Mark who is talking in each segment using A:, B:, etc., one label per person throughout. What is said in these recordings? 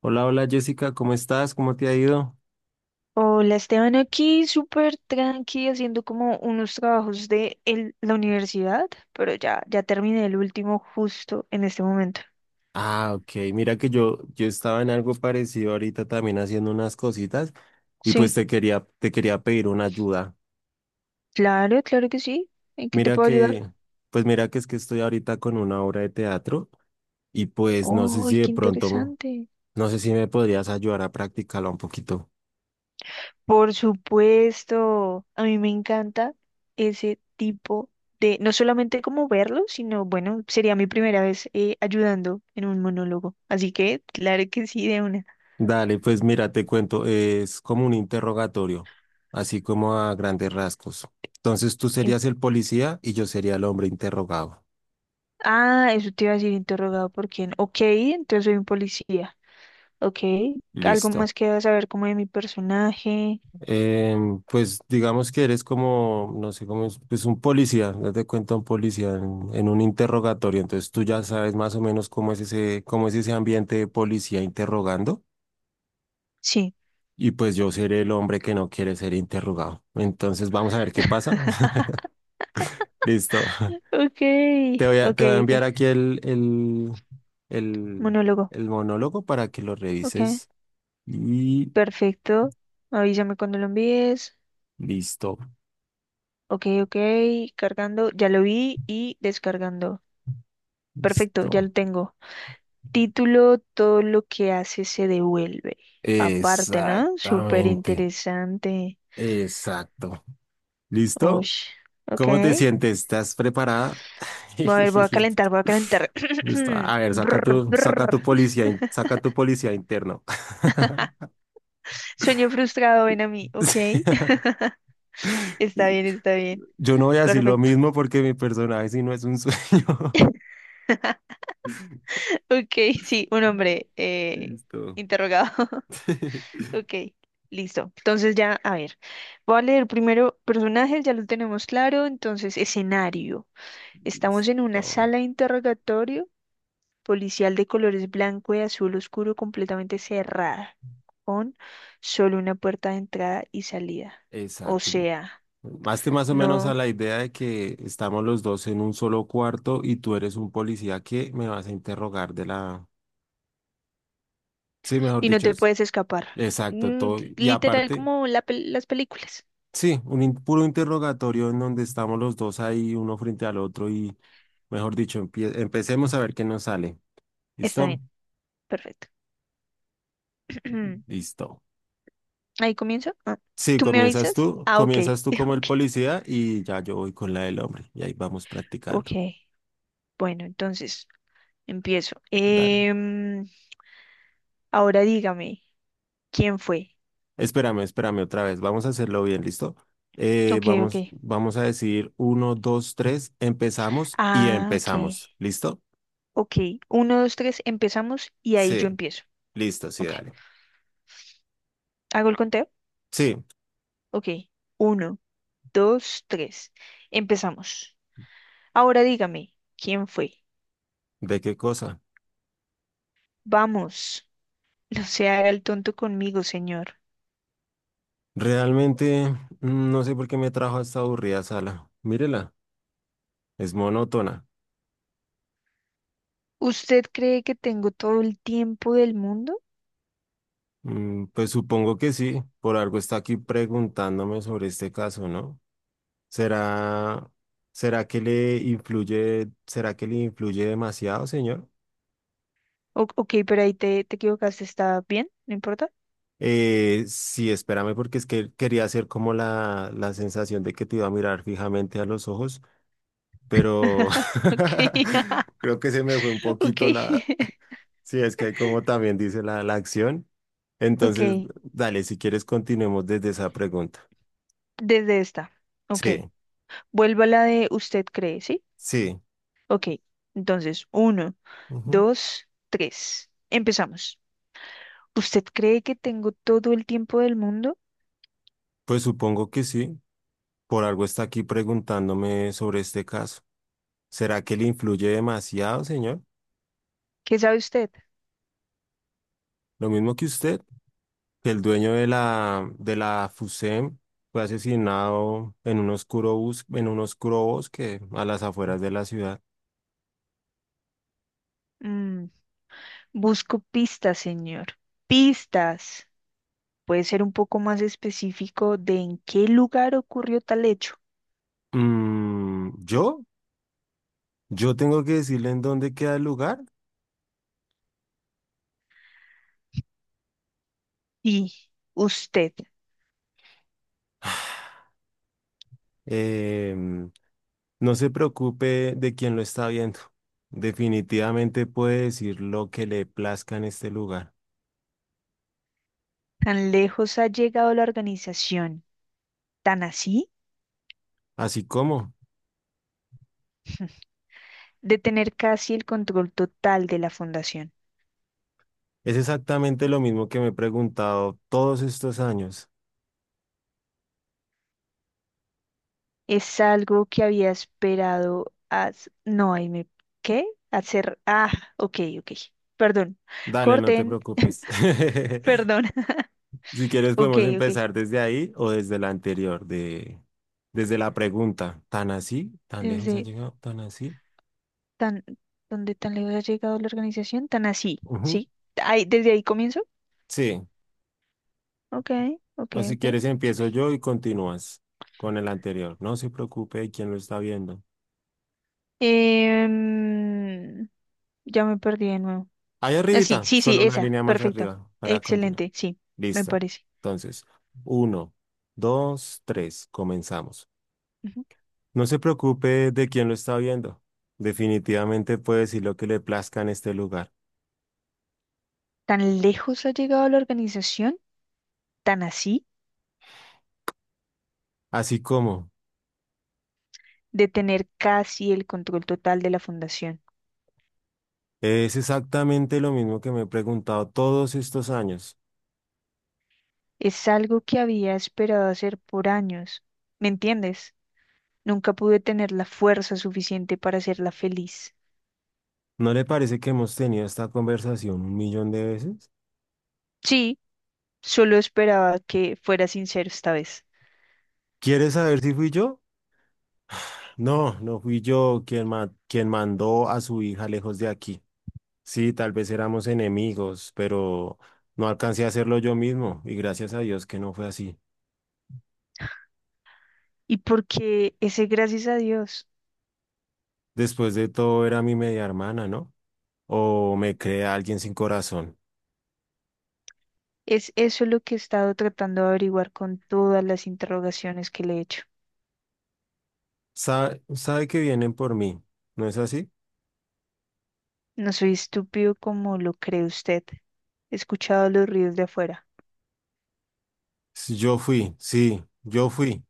A: Hola, hola Jessica, ¿cómo estás? ¿Cómo te ha ido?
B: Hola Esteban, aquí súper tranqui haciendo como unos trabajos de la universidad, pero ya terminé el último justo en este momento.
A: Ah, ok, mira que yo estaba en algo parecido ahorita también haciendo unas cositas y pues
B: Sí,
A: te quería pedir una ayuda.
B: claro, claro que sí. ¿En qué te
A: Mira
B: puedo ayudar?
A: que, pues mira que es que estoy ahorita con una obra de teatro y pues no sé
B: ¡Ay,
A: si de
B: qué
A: pronto,
B: interesante!
A: no sé si me podrías ayudar a practicarla un poquito.
B: Por supuesto, a mí me encanta ese tipo de, no solamente como verlo, sino bueno, sería mi primera vez ayudando en un monólogo. Así que, claro que sí, de una.
A: Dale, pues mira, te cuento, es como un interrogatorio, así como a grandes rasgos. Entonces tú serías el policía y yo sería el hombre interrogado.
B: Ah, eso te iba a decir interrogado por quién. Ok, entonces soy un policía. Ok, algo más
A: Listo.
B: que saber como de mi personaje.
A: Pues digamos que eres como, no sé cómo es, pues un policía, date cuenta un policía en un interrogatorio, entonces tú ya sabes más o menos cómo es ese ambiente de policía interrogando
B: Sí.
A: y pues yo seré el hombre que no quiere ser interrogado. Entonces vamos a ver qué pasa. Listo.
B: Ok,
A: Te voy a,
B: ok,
A: te voy a
B: ok.
A: enviar aquí el,
B: Monólogo.
A: el monólogo para que lo
B: Ok,
A: revises y
B: perfecto. Avísame cuando lo envíes.
A: listo,
B: Ok, ok. Cargando, ya lo vi y descargando. Perfecto, ya
A: listo.
B: lo tengo. Título, todo lo que hace se devuelve. Aparte, ¿no? Súper
A: Exactamente,
B: interesante.
A: exacto. ¿Listo?
B: Ush. Ok.
A: ¿Cómo te sientes? ¿Estás preparada?
B: Voy a ver, voy a calentar, voy a calentar.
A: A ver,
B: Brr,
A: saca
B: brr.
A: tu policía, saca tu policía interno.
B: Sueño frustrado, ven a mí, ¿ok?
A: Sí.
B: Está bien, está bien.
A: Yo no voy a decir lo
B: Perfecto.
A: mismo porque mi personaje si no es un sueño.
B: Ok, sí, un hombre
A: Listo.
B: interrogado. Ok, listo. Entonces ya, a ver, voy a leer primero personajes, ya lo tenemos claro. Entonces, escenario. Estamos en una
A: Listo.
B: sala de interrogatorio policial de colores blanco y azul oscuro completamente cerrada, con solo una puerta de entrada y salida. O
A: Exacto.
B: sea...
A: Hazte más o menos a
B: No,
A: la idea de que estamos los dos en un solo cuarto y tú eres un policía que me vas a interrogar de la... Sí, mejor
B: y no
A: dicho,
B: te puedes escapar.
A: exacto,
B: Mm,
A: todo. Y
B: literal
A: aparte,
B: como las películas.
A: sí, un puro interrogatorio en donde estamos los dos ahí, uno frente al otro y, mejor dicho, empecemos a ver qué nos sale.
B: Está
A: ¿Listo?
B: bien, perfecto.
A: Listo.
B: Ahí comienzo. Ah,
A: Sí,
B: ¿tú me
A: comienzas
B: avisas?
A: tú,
B: Ah, ok.
A: comienzas tú como el
B: Ok.
A: policía y ya yo voy con la del hombre y ahí vamos
B: Ok.
A: practicando.
B: Bueno, entonces empiezo.
A: Dale.
B: Em, ahora dígame, ¿quién fue?
A: Espérame otra vez. Vamos a hacerlo bien, ¿listo?
B: Ok,
A: Vamos,
B: ok.
A: vamos a decir uno, dos, tres, empezamos y
B: Ah, ok.
A: empezamos. ¿Listo?
B: Ok. Uno, dos, tres, empezamos y ahí yo
A: Sí,
B: empiezo.
A: listo, sí,
B: Ok.
A: dale.
B: ¿Hago el conteo?
A: Sí,
B: Ok. Uno, dos, tres. Empezamos. Ahora dígame, ¿quién fue?
A: ¿de qué cosa?
B: Vamos. No se haga el tonto conmigo, señor.
A: Realmente no sé por qué me trajo a esta aburrida sala. Mírela, es monótona.
B: ¿Usted cree que tengo todo el tiempo del mundo?
A: Pues supongo que sí, por algo está aquí preguntándome sobre este caso, ¿no? ¿Será, ¿será que le influye demasiado, señor?
B: Ok, pero ahí te equivocaste. ¿Está bien? ¿No importa?
A: Sí, espérame porque es que quería hacer como la sensación de que te iba a mirar fijamente a los ojos, pero
B: Ok,
A: creo que se me fue un
B: ok,
A: poquito la. Sí, es que como también dice la acción. Entonces,
B: ok.
A: dale, si quieres, continuemos desde esa pregunta.
B: Desde esta. Ok.
A: Sí,
B: Vuelvo a la de usted cree, ¿sí?
A: sí,
B: Ok. Entonces, uno,
A: ujú.
B: dos, tres. Empezamos. ¿Usted cree que tengo todo el tiempo del mundo?
A: Pues supongo que sí. Por algo está aquí preguntándome sobre este caso. ¿Será que le influye demasiado, señor?
B: ¿Qué sabe usted?
A: Lo mismo que usted, que el dueño de la FUSEM fue asesinado en un oscuro bosque a las afueras de la ciudad.
B: Mm, busco pistas, señor. Pistas. Puede ser un poco más específico de en qué lugar ocurrió tal hecho.
A: ¿Yo? ¿Yo tengo que decirle en dónde queda el lugar?
B: Y usted,
A: Em, no se preocupe de quién lo está viendo. Definitivamente puede decir lo que le plazca en este lugar.
B: ¿tan lejos ha llegado la organización, tan así,
A: Así como
B: de tener casi el control total de la fundación?
A: es exactamente lo mismo que me he preguntado todos estos años.
B: ¿Es algo que había esperado a... No, ahí me... ¿Qué? Hacer... Ah, ok, ok. Perdón.
A: Dale, no te
B: Corten.
A: preocupes.
B: Perdón.
A: Si quieres
B: Ok,
A: podemos
B: ok.
A: empezar desde ahí o desde la anterior, de, desde la pregunta. ¿Tan así? ¿Tan lejos ha
B: Desde
A: llegado? ¿Tan así?
B: tan... ¿Dónde tan lejos ha llegado la organización? Tan así,
A: Ujú.
B: ¿sí? Ahí, ¿desde ahí comienzo?
A: Sí.
B: Ok, ok,
A: O si
B: ok.
A: quieres empiezo yo y continúas con el anterior. No se preocupe de quién lo está viendo.
B: Em, ya me perdí de nuevo.
A: Ahí
B: Ah, sí,
A: arribita,
B: sí, sí,
A: solo una
B: esa.
A: línea más
B: Perfecto.
A: arriba para continuar.
B: Excelente, sí, me
A: Listo.
B: parece.
A: Entonces, uno, dos, tres, comenzamos.
B: Ujú.
A: No se preocupe de quién lo está viendo. Definitivamente puede decir lo que le plazca en este lugar.
B: ¿Tan lejos ha llegado la organización, tan así,
A: Así como
B: de tener casi el control total de la fundación?
A: es exactamente lo mismo que me he preguntado todos estos años.
B: Es algo que había esperado hacer por años. ¿Me entiendes? Nunca pude tener la fuerza suficiente para hacerla feliz.
A: ¿No le parece que hemos tenido esta conversación un millón de veces?
B: Sí, solo esperaba que fuera sincero esta vez.
A: ¿Quiere saber si fui yo? No, no fui yo quien mandó a su hija lejos de aquí. Sí, tal vez éramos enemigos, pero no alcancé a hacerlo yo mismo y gracias a Dios que no fue así.
B: ¿Y porque ese gracias a Dios?
A: Después de todo era mi media hermana, ¿no? O me crea alguien sin corazón.
B: Es eso lo que he estado tratando de averiguar con todas las interrogaciones que le he hecho.
A: Sabe que vienen por mí, ¿no es así?
B: No soy estúpido como lo cree usted. He escuchado los ruidos de afuera.
A: Yo fui, sí, yo fui.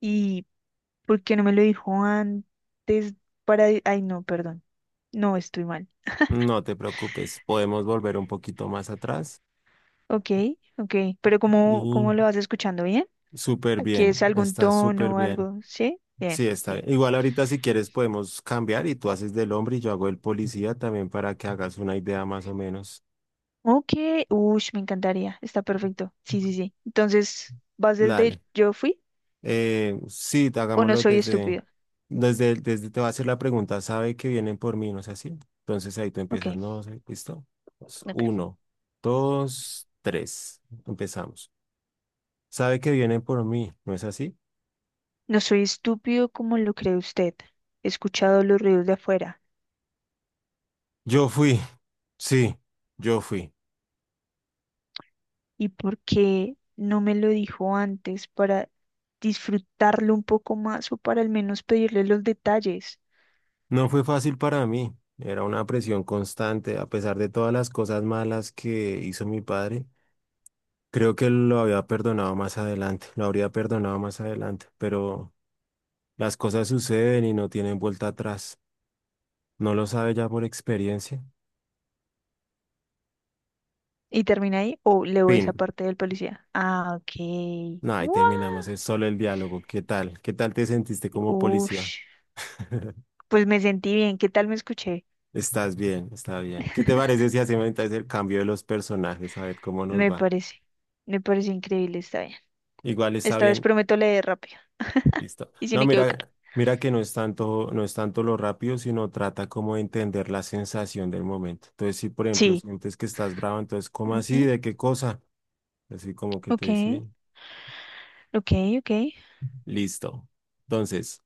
B: ¿Y por qué no me lo dijo antes para... Ay, no, perdón. No, estoy mal.
A: No te preocupes, podemos volver un poquito más atrás
B: Ok, ok. Pero ¿cómo,
A: y
B: cómo lo vas escuchando? ¿Bien?
A: súper
B: ¿Aquí es
A: bien,
B: algún
A: está súper
B: tono o
A: bien.
B: algo? ¿Sí? Bien,
A: Sí, está
B: bien.
A: bien. Igual ahorita si quieres podemos cambiar y tú haces del hombre y yo hago el policía también para que hagas una idea más o menos.
B: Ok, uy, me encantaría. Está perfecto. Sí, sí, sí. Entonces, ¿vas desde
A: Dale.
B: el yo fui
A: Sí,
B: o no
A: hagámoslo
B: soy
A: desde,
B: estúpido?
A: desde, desde, te va a hacer la pregunta, sabe que vienen por mí, ¿no es así? Entonces ahí tú
B: Ok,
A: empiezas, no sé, ¿listo? Pues,
B: ok.
A: uno, dos, tres, empezamos. Sabe que vienen por mí, ¿no es así?
B: No soy estúpido como lo cree usted. He escuchado los ruidos de afuera.
A: Yo fui, sí, yo fui.
B: ¿Y por qué no me lo dijo antes para disfrutarlo un poco más o para al menos pedirle los detalles?
A: No fue fácil para mí, era una presión constante, a pesar de todas las cosas malas que hizo mi padre. Creo que lo había perdonado más adelante, lo habría perdonado más adelante, pero... Las cosas suceden y no tienen vuelta atrás. ¿No lo sabe ya por experiencia?
B: ¿Y termina ahí o leo esa
A: Fin.
B: parte del policía? Ah, ok.
A: No, ahí
B: ¡Guau!
A: terminamos. Es solo el diálogo. ¿Qué tal? ¿Qué tal te sentiste como policía?
B: Ush. Pues me sentí bien. ¿Qué tal me escuché?
A: Estás bien, está bien. ¿Qué te parece si hacemos entonces el cambio de los personajes? A ver cómo nos
B: Me
A: va.
B: parece. Me parece increíble. Está bien.
A: Igual está
B: Esta vez
A: bien.
B: prometo leer rápido
A: Listo.
B: y sin
A: No,
B: equivocar.
A: mira, mira que no es tanto, no es tanto lo rápido, sino trata como de entender la sensación del momento. Entonces, si por ejemplo
B: Sí.
A: sientes que estás bravo, entonces, ¿cómo así?
B: Ujú.
A: ¿De qué cosa? Así como que te
B: Ok.
A: dice,
B: Ok, ok.
A: listo. Entonces,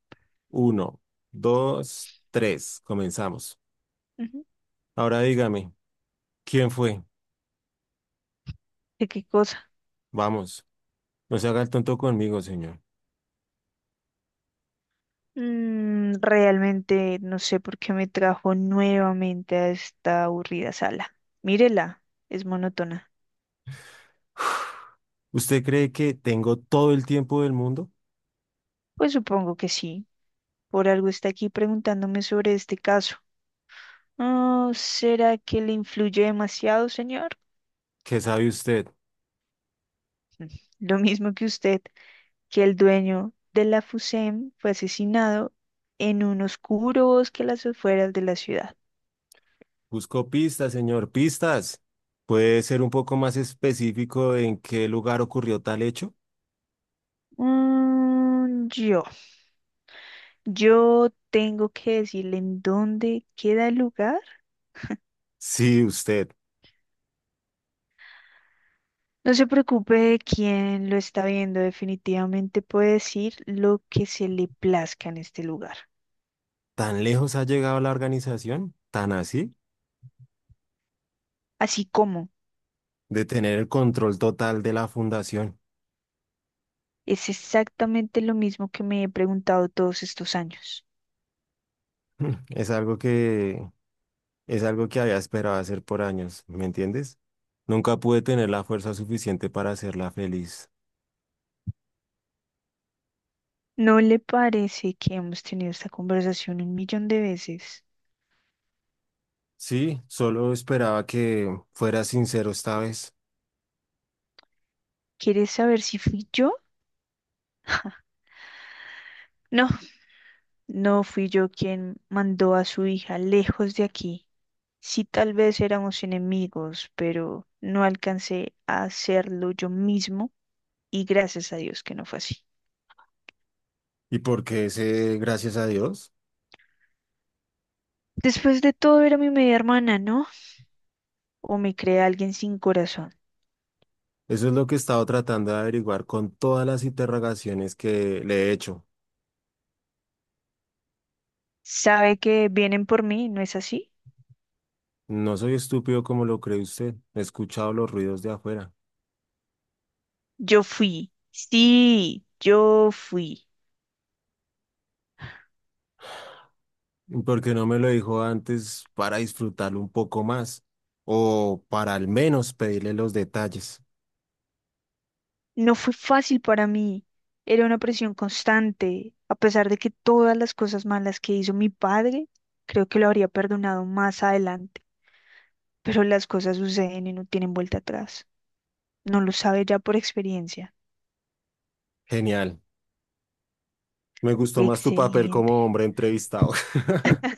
A: uno, dos, tres. Comenzamos.
B: Ujú.
A: Ahora dígame, ¿quién fue?
B: ¿De qué cosa?
A: Vamos, no se haga el tonto conmigo, señor.
B: Mm, realmente no sé por qué me trajo nuevamente a esta aburrida sala. Mírela, es monótona.
A: ¿Usted cree que tengo todo el tiempo del mundo?
B: Pues supongo que sí. Por algo está aquí preguntándome sobre este caso. Oh, ¿será que le influye demasiado, señor?
A: ¿Qué sabe usted?
B: Mm, lo mismo que usted, que el dueño de la FUSEM fue asesinado en un oscuro bosque a las afueras de la ciudad.
A: Busco pistas, señor, pistas. ¿Puede ser un poco más específico en qué lugar ocurrió tal hecho?
B: Mm, yo tengo que decirle en dónde queda el lugar.
A: Sí, usted.
B: No se preocupe de quién lo está viendo, definitivamente puede decir lo que se le plazca en este lugar.
A: ¿Tan lejos ha llegado la organización? ¿Tan así?
B: Así como
A: De tener el control total de la fundación.
B: es exactamente lo mismo que me he preguntado todos estos años.
A: Es algo que Es algo que había esperado hacer por años, ¿me entiendes? Nunca pude tener la fuerza suficiente para hacerla feliz.
B: ¿No le parece que hemos tenido esta conversación un millón de veces?
A: Sí, solo esperaba que fuera sincero esta vez.
B: ¿Quieres saber si fui yo? No, no fui yo quien mandó a su hija lejos de aquí. Sí, tal vez éramos enemigos, pero no alcancé a hacerlo yo mismo y gracias a Dios que no fue así.
A: ¿Y por qué ese gracias a Dios?
B: Después de todo era mi media hermana, ¿no? ¿O me cree alguien sin corazón?
A: Eso es lo que he estado tratando de averiguar con todas las interrogaciones que le he hecho.
B: ¿Sabe que vienen por mí, no es así?
A: No soy estúpido como lo cree usted. He escuchado los ruidos de afuera.
B: Yo fui, sí, yo fui.
A: ¿Y por qué no me lo dijo antes para disfrutarlo un poco más? O para al menos pedirle los detalles.
B: No fue fácil para mí, era una presión constante, a pesar de que todas las cosas malas que hizo mi padre, creo que lo habría perdonado más adelante, pero las cosas suceden y no tienen vuelta atrás. No lo sabe ya por experiencia.
A: Genial. Me gustó más tu papel
B: Excelente.
A: como hombre entrevistado.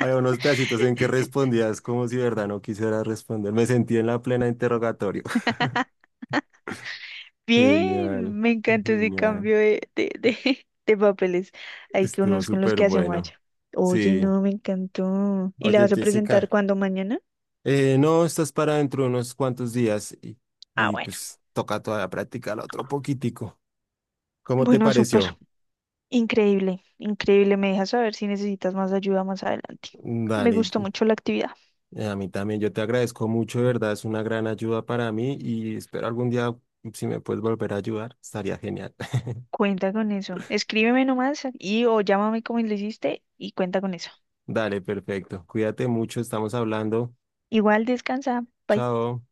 A: Había unos pedacitos en que respondías como si de verdad no quisieras responder. Me sentí en la plena interrogatorio. Genial,
B: Bien, me encantó ese
A: genial.
B: cambio de de papeles. Hay que
A: Estuvo
B: unos con los
A: súper
B: que hace
A: bueno.
B: Maya. Oye,
A: Sí.
B: no, me encantó. ¿Y la
A: Oye,
B: vas a presentar
A: Jessica,
B: cuándo mañana?
A: no, estás para dentro de unos cuantos días
B: Ah,
A: y
B: bueno.
A: pues toca todavía practicar otro poquitico. ¿Cómo te
B: Bueno, súper.
A: pareció?
B: Increíble, increíble. Me dejas saber si necesitas más ayuda más adelante. Me
A: Dale.
B: gustó mucho la actividad.
A: A mí también, yo te agradezco mucho, de verdad, es una gran ayuda para mí y espero algún día, si me puedes volver a ayudar, estaría genial.
B: Cuenta con eso. Escríbeme nomás y o llámame como le hiciste y cuenta con eso.
A: Dale, perfecto. Cuídate mucho, estamos hablando.
B: Igual descansa. Bye.
A: Chao.